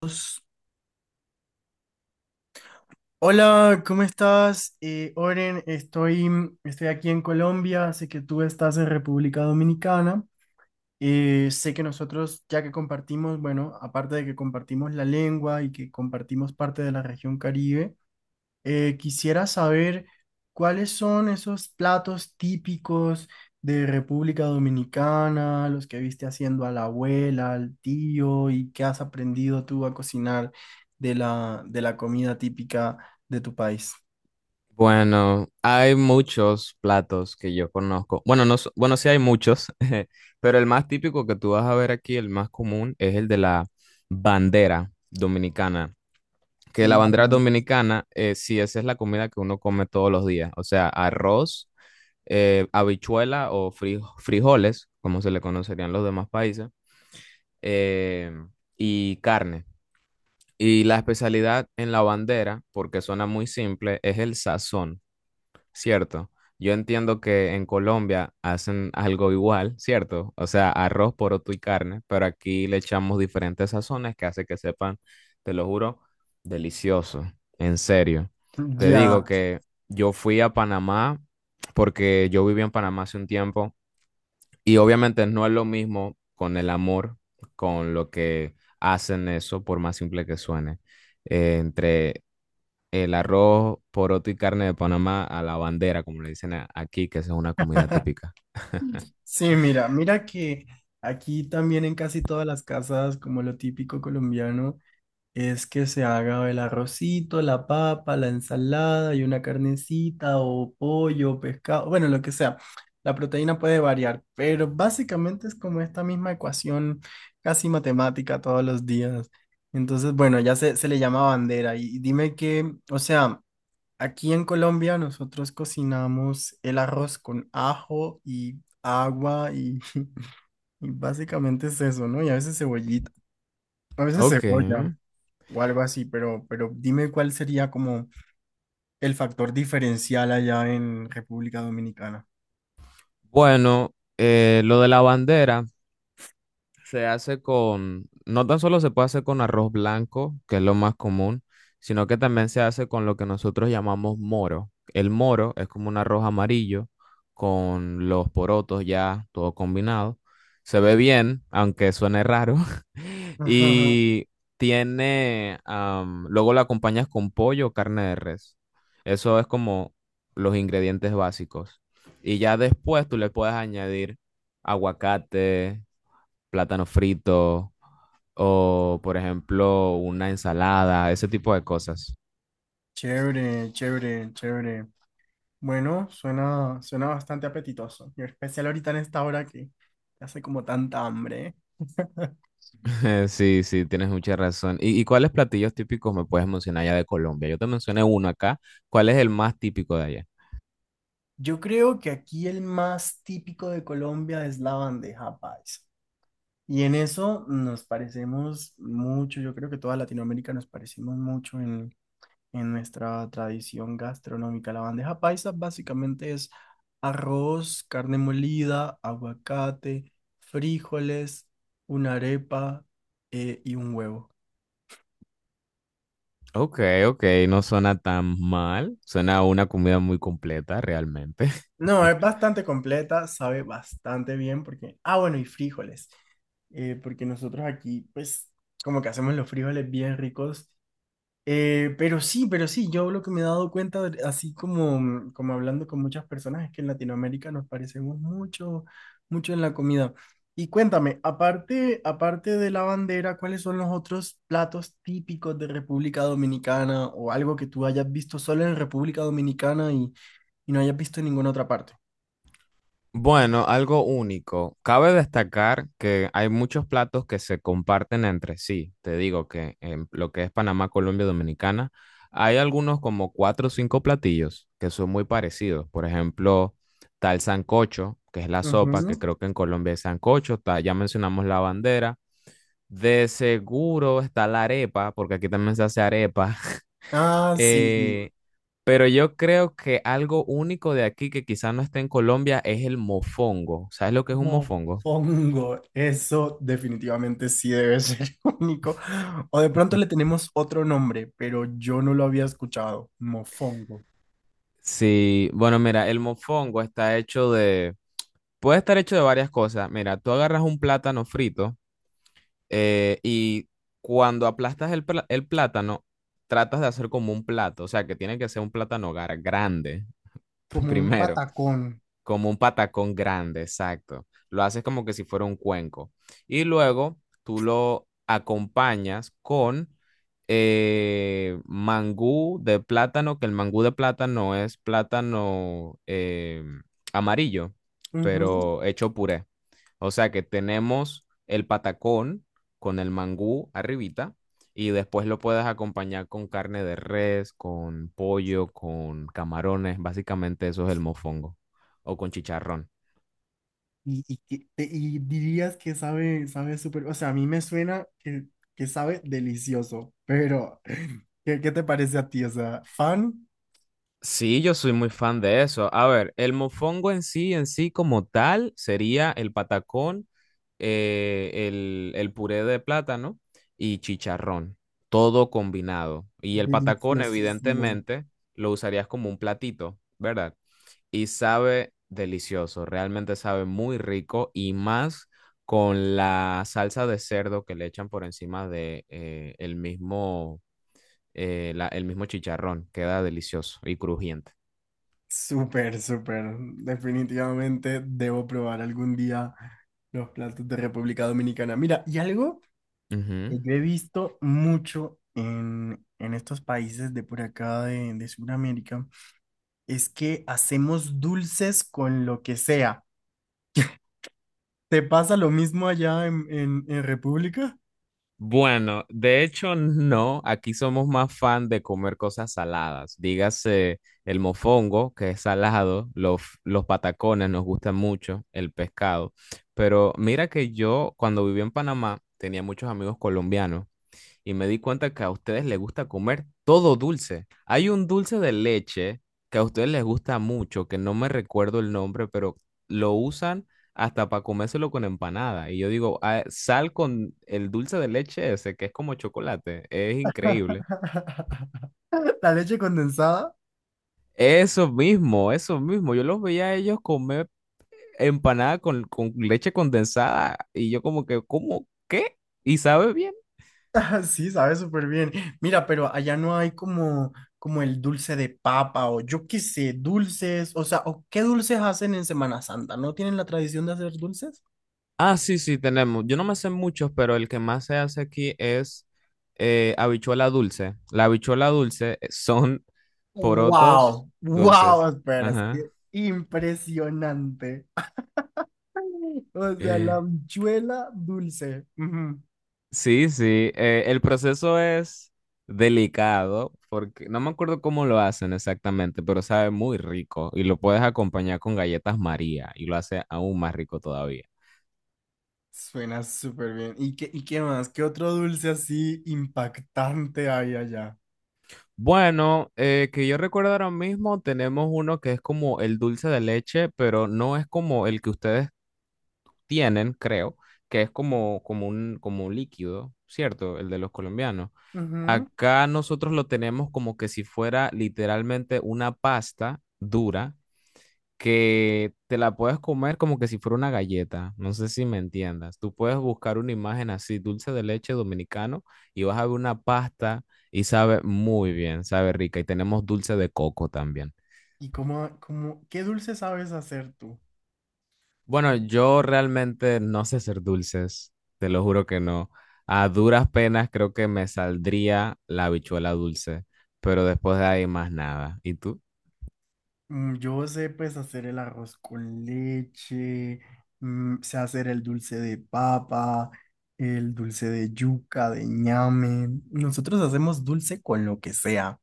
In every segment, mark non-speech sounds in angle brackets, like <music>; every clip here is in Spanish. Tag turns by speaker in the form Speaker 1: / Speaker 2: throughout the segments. Speaker 1: Pues, hola, ¿cómo estás? Oren, estoy aquí en Colombia, sé que tú estás en República Dominicana. Sé que nosotros ya que compartimos, bueno, aparte de que compartimos la lengua y que compartimos parte de la región Caribe, quisiera saber cuáles son esos platos típicos de República Dominicana, los que viste haciendo a la abuela, al tío, y qué has aprendido tú a cocinar de la comida típica de tu país.
Speaker 2: Bueno, hay muchos platos que yo conozco. Bueno, no, sí hay muchos, <laughs> pero el más típico que tú vas a ver aquí, el más común, es el de la bandera dominicana. Que la bandera
Speaker 1: Mm.
Speaker 2: dominicana, sí, esa es la comida que uno come todos los días. O sea, arroz, habichuela o frijoles, como se le conocerían los demás países, eh, y carne. Y la especialidad en la bandera, porque suena muy simple, es el sazón. Cierto. Yo entiendo que en Colombia hacen algo igual, ¿cierto? O sea, arroz, poroto y carne, pero aquí le echamos diferentes sazones que hace que sepan, te lo juro, delicioso, en serio. Te
Speaker 1: Ya,
Speaker 2: digo que yo fui a Panamá porque yo viví en Panamá hace un tiempo y obviamente no es lo mismo con el amor, con lo que hacen eso, por más simple que suene, entre el arroz, poroto y carne de Panamá a la bandera, como le dicen aquí, que esa es una comida típica.
Speaker 1: sí, mira, mira que aquí también en casi todas las casas, como lo típico colombiano, es que se haga el arrocito, la papa, la ensalada y una carnecita o pollo, pescado, bueno, lo que sea. La proteína puede variar, pero básicamente es como esta misma ecuación casi matemática todos los días. Entonces, bueno, ya se le llama bandera. Y dime que, o sea, aquí en Colombia nosotros cocinamos el arroz con ajo y agua y, <laughs> y básicamente es eso, ¿no? Y a veces cebollita, a veces
Speaker 2: Ok.
Speaker 1: cebolla o algo así, pero dime cuál sería como el factor diferencial allá en República Dominicana.
Speaker 2: Bueno, lo de la bandera. Se hace con, no tan solo se puede hacer con arroz blanco, que es lo más común, sino que también se hace con lo que nosotros llamamos moro. El moro es como un arroz amarillo con los porotos ya todo combinado. Se ve bien, aunque suene raro. <laughs>
Speaker 1: Ajá, ajá.
Speaker 2: Y tiene, luego lo acompañas con pollo o carne de res. Eso es como los ingredientes básicos. Y ya después tú le puedes añadir aguacate, plátano frito o, por ejemplo, una ensalada, ese tipo de cosas.
Speaker 1: Chévere, chévere, chévere. Bueno, suena, suena bastante apetitoso, y en especial ahorita en esta hora que hace como tanta hambre, ¿eh?
Speaker 2: <laughs> Sí, sí, tienes mucha razón. Y cuáles platillos típicos me puedes mencionar ya de Colombia? Yo te mencioné uno acá. ¿Cuál es el más típico de allá?
Speaker 1: Yo creo que aquí el más típico de Colombia es la bandeja paisa. Y en eso nos parecemos mucho, yo creo que toda Latinoamérica nos parecemos mucho en nuestra tradición gastronómica. La bandeja paisa básicamente es arroz, carne molida, aguacate, frijoles, una arepa y un huevo.
Speaker 2: Ok, ok, no suena tan mal. Suena a una comida muy completa, realmente.
Speaker 1: No,
Speaker 2: <laughs>
Speaker 1: es bastante completa, sabe bastante bien porque... Ah, bueno, y frijoles porque nosotros aquí, pues, como que hacemos los frijoles bien ricos. Pero sí, pero sí, yo lo que me he dado cuenta, así como, como hablando con muchas personas, es que en Latinoamérica nos parecemos mucho, mucho en la comida. Y cuéntame, aparte, aparte de la bandera, ¿cuáles son los otros platos típicos de República Dominicana o algo que tú hayas visto solo en República Dominicana y no hayas visto en ninguna otra parte?
Speaker 2: Bueno, algo único. Cabe destacar que hay muchos platos que se comparten entre sí. Te digo que en lo que es Panamá, Colombia, Dominicana, hay algunos como cuatro o cinco platillos que son muy parecidos. Por ejemplo, está el sancocho, que es la sopa,
Speaker 1: Ujú.
Speaker 2: que creo que en Colombia es sancocho. Está, ya mencionamos la bandera. De seguro está la arepa, porque aquí también se hace arepa. <laughs>
Speaker 1: Ah, sí.
Speaker 2: Eh, pero yo creo que algo único de aquí que quizás no esté en Colombia es el mofongo. ¿Sabes lo que es un
Speaker 1: Mofongo,
Speaker 2: mofongo?
Speaker 1: eso definitivamente sí debe ser <laughs> único. O de pronto le
Speaker 2: <laughs>
Speaker 1: tenemos otro nombre, pero yo no lo había escuchado. Mofongo.
Speaker 2: Sí, bueno, mira, el mofongo está hecho de, puede estar hecho de varias cosas. Mira, tú agarras un plátano frito, y cuando aplastas el, el plátano, tratas de hacer como un plato, o sea, que tiene que ser un plátano grande <laughs>
Speaker 1: Como un
Speaker 2: primero.
Speaker 1: patacón.
Speaker 2: Como un patacón grande, exacto. Lo haces como que si fuera un cuenco. Y luego tú lo acompañas con mangú de plátano, que el mangú de plátano es plátano, amarillo,
Speaker 1: Ujú.
Speaker 2: pero hecho puré. O sea que tenemos el patacón con el mangú arribita y después lo puedes acompañar con carne de res, con pollo, con camarones. Básicamente eso es el mofongo o con chicharrón.
Speaker 1: Y, y dirías que sabe, sabe súper, o sea, a mí me suena que sabe delicioso, pero <laughs> ¿qué, qué te parece a ti? O sea, fan,
Speaker 2: Sí, yo soy muy fan de eso. A ver, el mofongo en sí como tal, sería el patacón, el puré de plátano y chicharrón, todo combinado. Y el patacón,
Speaker 1: deliciosísimo.
Speaker 2: evidentemente, lo usarías como un platito, ¿verdad? Y sabe delicioso, realmente sabe muy rico y más con la salsa de cerdo que le echan por encima de el mismo, el mismo chicharrón. Queda delicioso y crujiente.
Speaker 1: Súper, súper. Definitivamente debo probar algún día los platos de República Dominicana. Mira, y algo que
Speaker 2: Ujú.
Speaker 1: yo he visto mucho en estos países de por acá de Sudamérica es que hacemos dulces con lo que sea. ¿Te pasa lo mismo allá en República?
Speaker 2: Bueno, de hecho no, aquí somos más fan de comer cosas saladas. Dígase el mofongo, que es salado, los patacones nos gustan mucho, el pescado. Pero mira que yo cuando viví en Panamá tenía muchos amigos colombianos y me di cuenta que a ustedes les gusta comer todo dulce. Hay un dulce de leche que a ustedes les gusta mucho, que no me recuerdo el nombre, pero lo usan hasta para comérselo con empanada. Y yo digo, "Ah, sal con el dulce de leche ese, que es como chocolate. Es increíble".
Speaker 1: <laughs> La leche condensada.
Speaker 2: Eso mismo, eso mismo. Yo los veía a ellos comer empanada con leche condensada y yo como que, ¿cómo? ¿Qué? Y sabe bien.
Speaker 1: <laughs> Sí, sabe súper bien. Mira, pero allá no hay como, como el dulce de papa o yo qué sé, dulces, o sea, o qué dulces hacen en Semana Santa, ¿no tienen la tradición de hacer dulces?
Speaker 2: Ah, sí, sí, tenemos. Yo no me sé muchos, pero el que más se hace aquí es, habichuela dulce. La habichuela dulce, son <laughs> porotos
Speaker 1: Wow, wow,
Speaker 2: dulces.
Speaker 1: espera, es
Speaker 2: Ajá.
Speaker 1: que impresionante. <laughs> O sea, la
Speaker 2: Eh,
Speaker 1: habichuela dulce. Ujú.
Speaker 2: Sí, sí. El proceso es delicado porque no me acuerdo cómo lo hacen exactamente, pero sabe muy rico y lo puedes acompañar con galletas María y lo hace aún más rico todavía.
Speaker 1: Suena súper bien. Y qué más? ¿Qué otro dulce así impactante hay allá?
Speaker 2: Bueno, que yo recuerdo ahora mismo, tenemos uno que es como el dulce de leche, pero no es como el que ustedes tienen, creo, que es como, como un líquido, ¿cierto? El de los colombianos.
Speaker 1: Ujú.
Speaker 2: Acá nosotros lo tenemos como que si fuera literalmente una pasta dura que te la puedes comer como que si fuera una galleta. No sé si me entiendas. Tú puedes buscar una imagen así, dulce de leche dominicano, y vas a ver una pasta y sabe muy bien, sabe rica. Y tenemos dulce de coco también.
Speaker 1: ¿Y cómo, cómo, qué dulce sabes hacer tú?
Speaker 2: Bueno, yo realmente no sé hacer dulces, te lo juro que no. A duras penas creo que me saldría la habichuela dulce, pero después de ahí más nada. ¿Y tú?
Speaker 1: Yo sé pues hacer el arroz con leche, sé hacer el dulce de papa, el dulce de yuca, de ñame. Nosotros hacemos dulce con lo que sea.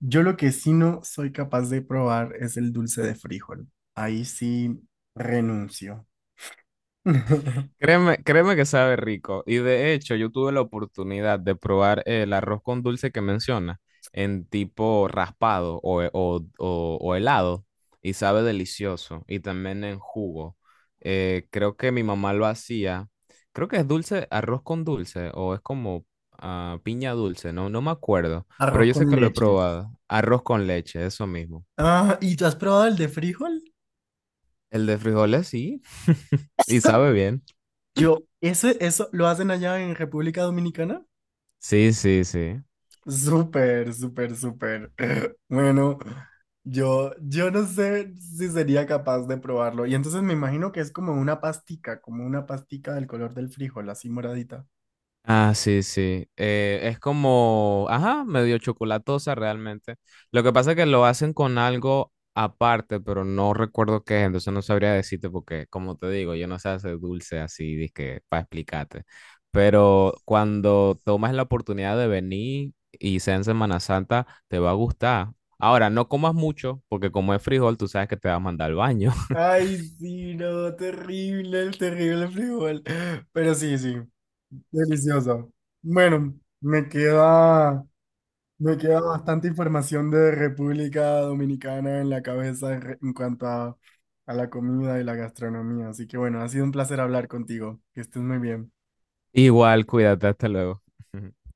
Speaker 1: Yo lo que sí no soy capaz de probar es el dulce de frijol. Ahí sí renuncio. <laughs>
Speaker 2: Créeme, créeme que sabe rico. Y de hecho, yo tuve la oportunidad de probar el arroz con dulce que menciona, en tipo raspado o, o helado y sabe delicioso. Y también en jugo. Creo que mi mamá lo hacía. Creo que es dulce, arroz con dulce o es como, ah, piña dulce, no, no me acuerdo. Pero
Speaker 1: Arroz
Speaker 2: yo sé
Speaker 1: con
Speaker 2: que lo he
Speaker 1: leche.
Speaker 2: probado. Arroz con leche, eso mismo.
Speaker 1: Ah, ¿y tú has probado el de frijol?
Speaker 2: El de frijoles sí, y
Speaker 1: <laughs>
Speaker 2: sabe bien.
Speaker 1: Yo, eso lo hacen allá en República Dominicana.
Speaker 2: Sí, sí, sí.
Speaker 1: Súper, súper, súper. <laughs> Bueno, yo no sé si sería capaz de probarlo. Y entonces me imagino que es como una pastica del color del frijol, así moradita.
Speaker 2: Ah, sí, sí. Es como, ajá, medio chocolatosa realmente. Lo que pasa es que lo hacen con algo aparte, pero no recuerdo qué es, entonces no sabría decirte porque, como te digo, yo no sé hacer dulce así, dizque, para explicarte. Pero cuando tomas la oportunidad de venir y sea en Semana Santa, te va a gustar. Ahora, no comas mucho, porque como es frijol, tú sabes que te va a mandar al baño. <laughs>
Speaker 1: Ay, sí, no, terrible, el terrible frijol. Pero sí, sí, delicioso. Bueno, me queda bastante información de República Dominicana en la cabeza en, en cuanto a la comida y la gastronomía. Así que bueno, ha sido un placer hablar contigo. Que estés muy bien.
Speaker 2: Igual, cuídate, hasta luego. <laughs>